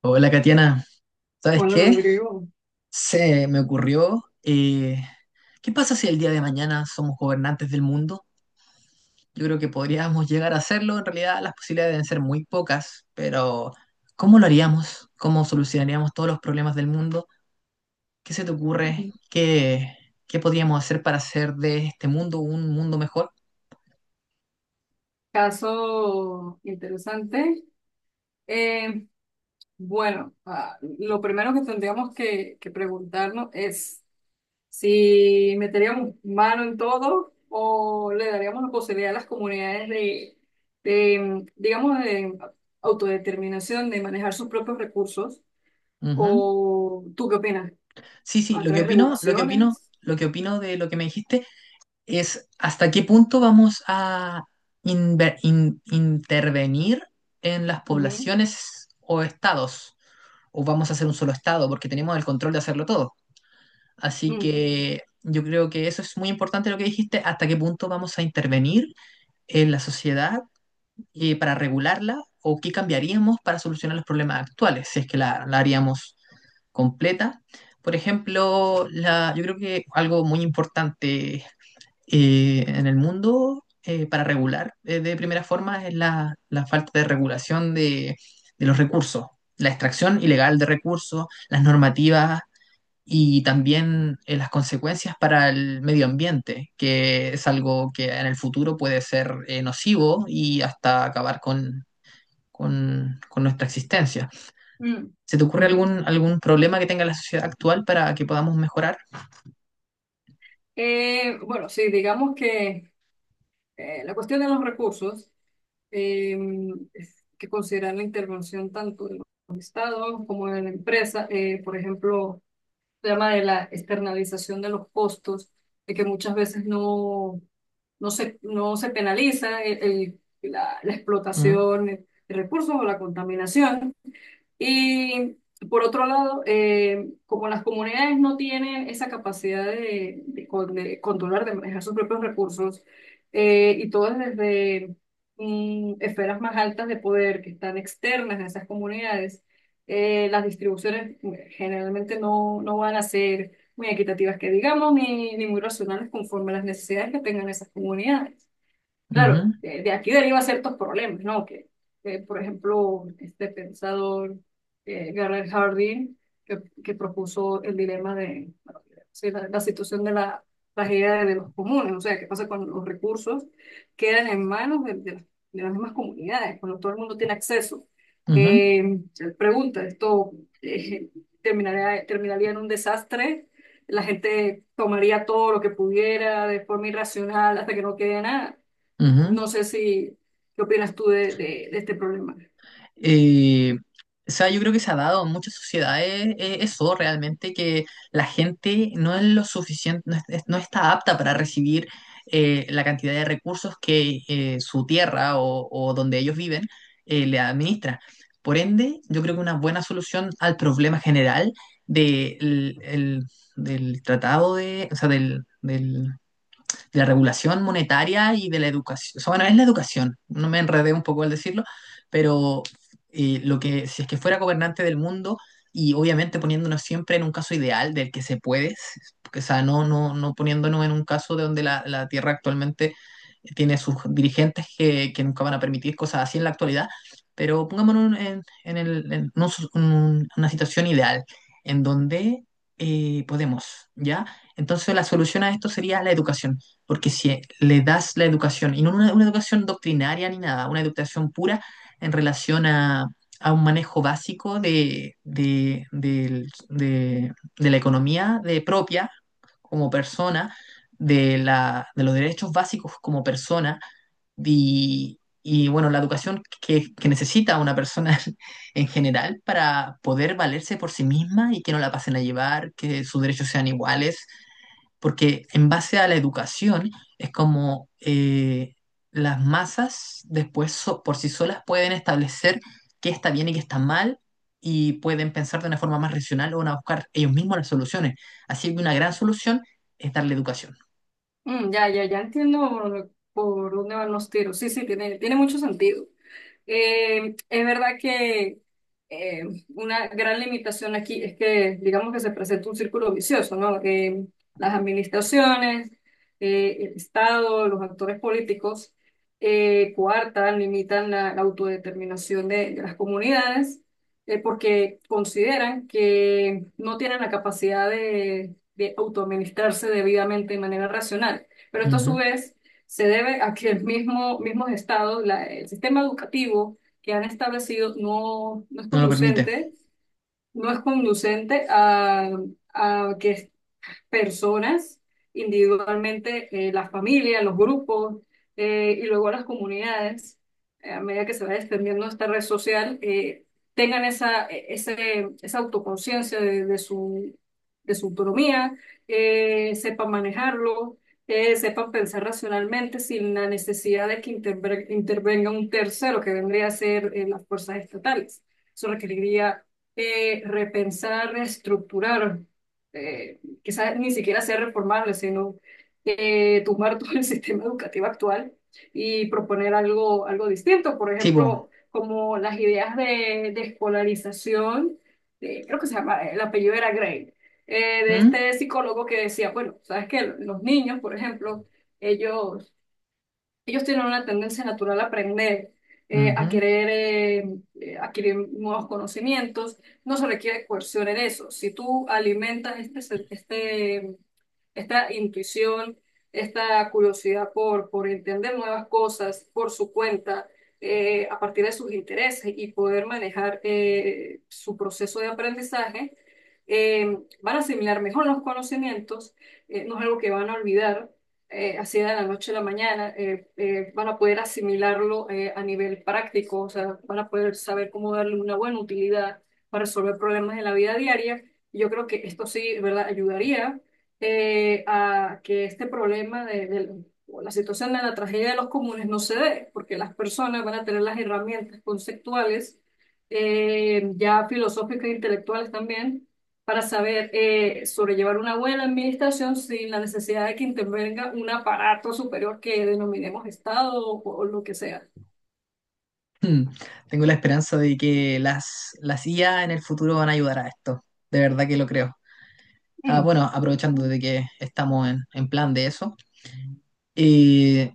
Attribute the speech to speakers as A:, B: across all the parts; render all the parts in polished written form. A: Hola, Katiana. ¿Sabes
B: Hola
A: qué?
B: Rodrigo.
A: Se me ocurrió, ¿qué pasa si el día de mañana somos gobernantes del mundo? Yo creo que podríamos llegar a hacerlo. En realidad, las posibilidades deben ser muy pocas, pero ¿cómo lo haríamos? ¿Cómo solucionaríamos todos los problemas del mundo? ¿Qué se te ocurre?
B: Mm.
A: ¿Qué podríamos hacer para hacer de este mundo un mundo mejor?
B: Caso interesante. Eh, bueno, lo primero que tendríamos que preguntarnos es si meteríamos mano en todo o le daríamos la posibilidad a las comunidades de autodeterminación, de manejar sus propios recursos.
A: Ujú.
B: ¿O tú qué opinas?
A: Sí, sí,
B: ¿A través de regulaciones?
A: lo que opino de lo que me dijiste es hasta qué punto vamos a intervenir en las
B: Ujú.
A: poblaciones o estados, o vamos a hacer un solo estado, porque tenemos el control de hacerlo todo. Así
B: Mm,
A: que yo creo que eso es muy importante lo que dijiste, hasta qué punto vamos a intervenir en la sociedad para regularla o qué cambiaríamos para solucionar los problemas actuales, si es que la haríamos completa. Por ejemplo, yo creo que algo muy importante en el mundo para regular de primera forma es la falta de regulación de los recursos, la extracción ilegal de recursos, las normativas y también las consecuencias para el medio ambiente, que es algo que en el futuro puede ser nocivo y hasta acabar con nuestra existencia.
B: mm,
A: ¿Se te ocurre
B: ujú.
A: algún problema que tenga la sociedad actual para que podamos mejorar?
B: Bueno, sí, digamos que la cuestión de los recursos, eh, es que considerar la intervención tanto de los estados como de la empresa, por ejemplo, el tema de la externalización de los costos, de que muchas veces no, no se penaliza la
A: Mm,
B: explotación de recursos o la contaminación. Y por otro lado, como las comunidades no tienen esa capacidad de controlar, de manejar sus propios recursos, y todo es desde esferas más altas de poder que están externas a esas comunidades, las distribuciones generalmente no van a ser muy equitativas, que digamos, ni muy racionales conforme a las necesidades que tengan esas comunidades. Claro,
A: ujú,
B: de aquí deriva ciertos problemas, ¿no? Por ejemplo, este pensador, Garret Hardin, que propuso el dilema de, bueno, sí, la situación de la tragedia de los comunes, o sea, qué pasa cuando los recursos quedan en manos de las mismas comunidades, cuando todo el mundo tiene acceso.
A: ujú,
B: Eh, Él pregunta, ¿esto eh, terminaría en un desastre? La gente tomaría todo lo que pudiera de forma irracional hasta que no quede nada.
A: ujú.
B: No sé si, ¿qué opinas tú de este problema?
A: Eh, o sea, yo creo que se ha dado en muchas sociedades eso realmente, que la gente no es lo suficiente, no, no está apta para recibir la cantidad de recursos que su tierra o donde ellos viven le administra. Por ende, yo creo que una buena solución al problema general de del tratado de, o sea, del de la regulación monetaria y de la educación. O sea, bueno, es la educación, no me enredé un poco al decirlo, pero lo que, si es que fuera gobernante del mundo, y obviamente poniéndonos siempre en un caso ideal del que se puede, o sea, no poniéndonos en un caso de donde la Tierra actualmente tiene sus dirigentes que, nunca van a permitir cosas así en la actualidad, pero pongámonos en una situación ideal en donde podemos, ¿ya? Entonces la solución a esto sería la educación. Porque si le das la educación, y no una educación doctrinaria ni nada, una educación pura en relación a un manejo básico de la economía de propia como persona, de los derechos básicos como persona, y, bueno, la educación que necesita una persona en general para poder valerse por sí misma y que no la pasen a llevar, que sus derechos sean iguales porque en base a la educación es como las masas después por sí solas pueden establecer qué está bien y qué está mal y pueden pensar de una forma más racional o van a buscar ellos mismos las soluciones. Así que una gran solución es darle educación.
B: Mm, ya entiendo por dónde van los tiros. Sí, sí, tiene mucho sentido. Es verdad que eh, una gran limitación aquí es que, digamos que se presenta un círculo vicioso, ¿no? Las administraciones, el Estado, los actores políticos coartan, limitan la autodeterminación de las comunidades, porque consideran que no tienen la capacidad de autoadministrarse debidamente de manera racional. Pero esto a su
A: Ujú.
B: vez se debe a que mismos estados, el sistema educativo que han establecido no es
A: No lo permite.
B: conducente, no es conducente a que personas, individualmente, las familias, los grupos, y luego las comunidades, a medida que se va extendiendo esta red social, tengan esa, esa autoconciencia de su autonomía, sepan manejarlo, sepan pensar racionalmente sin la necesidad de que intervenga un tercero que vendría a ser las fuerzas estatales. Eso requeriría repensar, reestructurar, eh, quizás ni siquiera sea reformable, sino tumbar todo el sistema educativo actual y proponer algo distinto. Por
A: Tipo,
B: ejemplo, como las ideas de escolarización, creo que se llama, el apellido era Gray, de
A: ¿mm?
B: este psicólogo que decía, bueno, sabes que los niños, por ejemplo, ellos ellos tienen una tendencia natural a aprender, a
A: Ujú,
B: querer adquirir nuevos conocimientos. No se requiere coerción en eso. Si tú alimentas esta intuición, esta curiosidad por entender nuevas cosas por su cuenta, a partir de sus intereses y poder manejar su proceso de aprendizaje, eh, van a asimilar mejor los conocimientos, no es algo que van a olvidar así de la noche a la mañana, van a poder asimilarlo a nivel práctico, o sea, van a poder saber cómo darle una buena utilidad para resolver problemas en la vida diaria. Yo creo que esto sí, ¿verdad?, ayudaría, a que este problema o la situación de la tragedia de los comunes no se dé, porque las personas van a tener las herramientas conceptuales, ya filosóficas e intelectuales también, para saber sobrellevar una buena administración sin la necesidad de que intervenga un aparato superior que denominemos Estado o lo que sea.
A: mm. Tengo la esperanza de que las IA en el futuro van a ayudar a esto. De verdad que lo creo. Ah,
B: Mm.
A: bueno, aprovechando de que estamos en plan de eso. eh,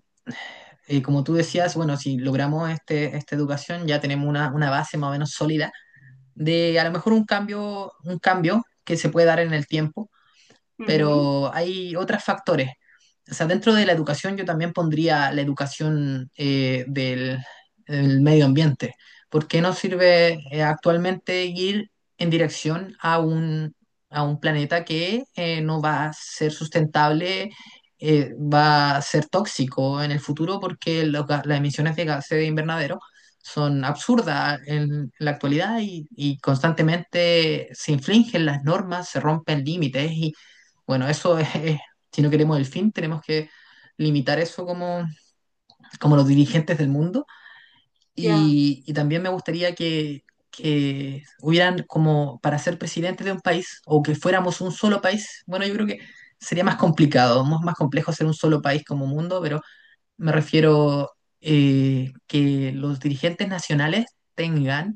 A: Como tú decías, bueno, si logramos esta educación, ya tenemos una base más o menos sólida de a lo mejor un cambio que se puede dar en el tiempo,
B: Ujú.
A: pero hay otros factores. O sea, dentro de la educación yo también pondría la educación del medio ambiente. ¿Por qué no sirve actualmente ir en dirección a a un planeta que no va a ser sustentable, va a ser tóxico en el futuro porque las emisiones de gases de invernadero son absurdas en la actualidad y constantemente se infringen las normas, se rompen límites y, bueno, si no queremos el fin, tenemos que limitar eso como los dirigentes del mundo.
B: Ya.
A: Y también me gustaría que hubieran como para ser presidente de un país o que fuéramos un solo país. Bueno, yo creo que sería más complicado, más complejo ser un solo país como mundo, pero me refiero que los dirigentes nacionales tengan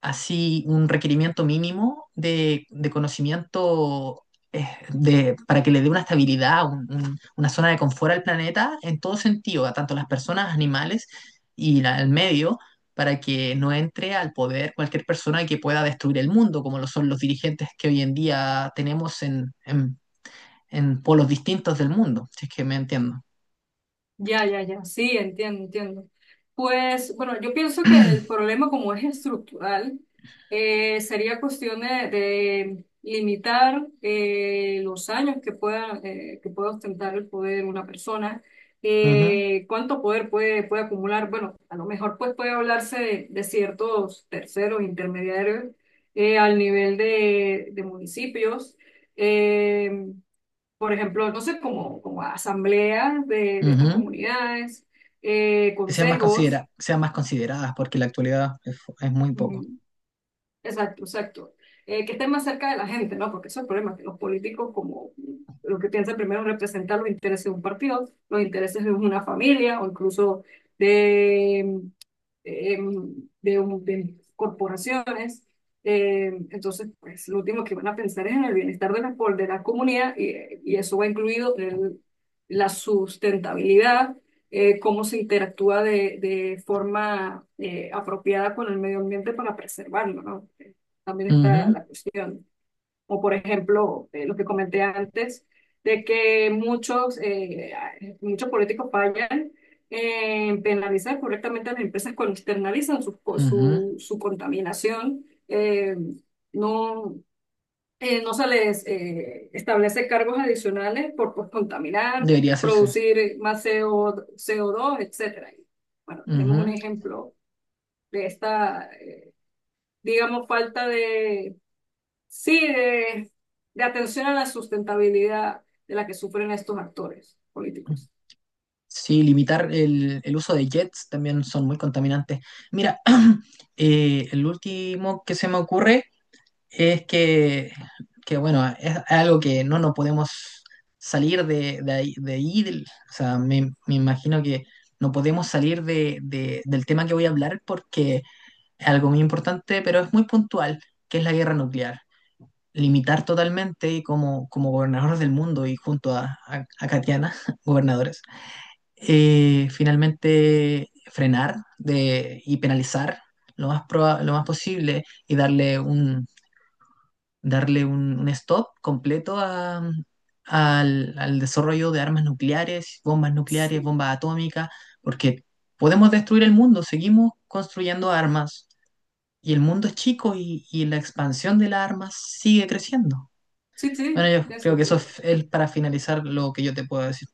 A: así un requerimiento mínimo de conocimiento eh, para que le dé una estabilidad, una zona de confort al planeta en todo sentido, a tanto las personas, animales y el medio, para que no entre al poder cualquier persona que pueda destruir el mundo, como lo son los dirigentes que hoy en día tenemos en en polos distintos del mundo, si es que me entiendo.
B: Ya, sí, entiendo. Pues bueno, yo pienso que el problema como es estructural, sería cuestión de limitar los años que pueda ostentar el poder una persona,
A: Ujú,
B: cuánto poder puede acumular. Bueno, a lo mejor pues puede hablarse de ciertos terceros intermediarios, al nivel de municipios. Em, por ejemplo, no sé, como asambleas de estas
A: ujú.
B: comunidades,
A: Que sean más
B: consejos.
A: sean más consideradas, porque en la actualidad es muy poco.
B: Ujú. Exacto. Que estén más cerca de la gente, ¿no? Porque eso es el problema, que los políticos como lo que piensan primero es representar los intereses de un partido, los intereses de una familia o incluso de, eh, de corporaciones. Entonces, pues lo último que van a pensar es en el bienestar de la comunidad, y eso va incluido en la sustentabilidad, cómo se interactúa de forma apropiada con el medio ambiente para preservarlo, ¿no? También está
A: Ujú.
B: la cuestión. O por ejemplo, lo que comenté antes, de que muchos políticos fallan en penalizar correctamente a las empresas cuando externalizan
A: Ujú.
B: su contaminación. No, no se les establece cargos adicionales por, pues, contaminar,
A: Debería hacerse.
B: producir más CO2, etcétera. Bueno, tenemos un
A: Ujú.
B: ejemplo de esta, digamos, falta de, sí, de atención a la sustentabilidad de la que sufren estos actores políticos.
A: Sí, limitar el uso de jets también son muy contaminantes. Mira, el último que se me ocurre es que, bueno, es algo que no nos podemos salir de ahí. O sea, me imagino que no podemos salir del tema que voy a hablar porque es algo muy importante, pero es muy puntual, que es la guerra nuclear. Limitar totalmente y como, como gobernadores del mundo y junto a Katiana, gobernadores, finalmente frenar de, y penalizar lo más posible y darle un stop completo al desarrollo de armas nucleares,
B: Sí,
A: bombas atómicas, porque podemos destruir el mundo, seguimos construyendo armas. Y el mundo es chico y la expansión de las armas sigue creciendo.
B: sí,
A: Bueno,
B: sí,
A: yo
B: tiene
A: creo que eso
B: sentido.
A: es para finalizar lo que yo te puedo decir.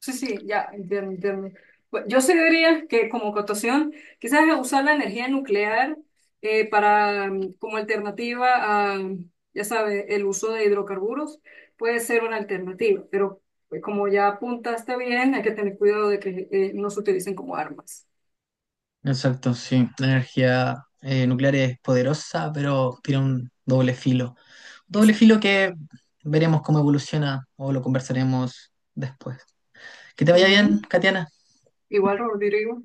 B: Sí, sí, ya, entiendo. Yo sí diría que como cotación, quizás usar la energía nuclear para como alternativa a, ya sabe, el uso de hidrocarburos puede ser una alternativa, pero, como ya apuntaste bien, hay que tener cuidado de que no se utilicen como armas.
A: Exacto, sí. La energía nuclear es poderosa, pero tiene un doble filo. Doble filo
B: Exacto.
A: que veremos cómo evoluciona o lo conversaremos después. Que te vaya bien,
B: Ujú.
A: Katiana.
B: Igual, Rodrigo.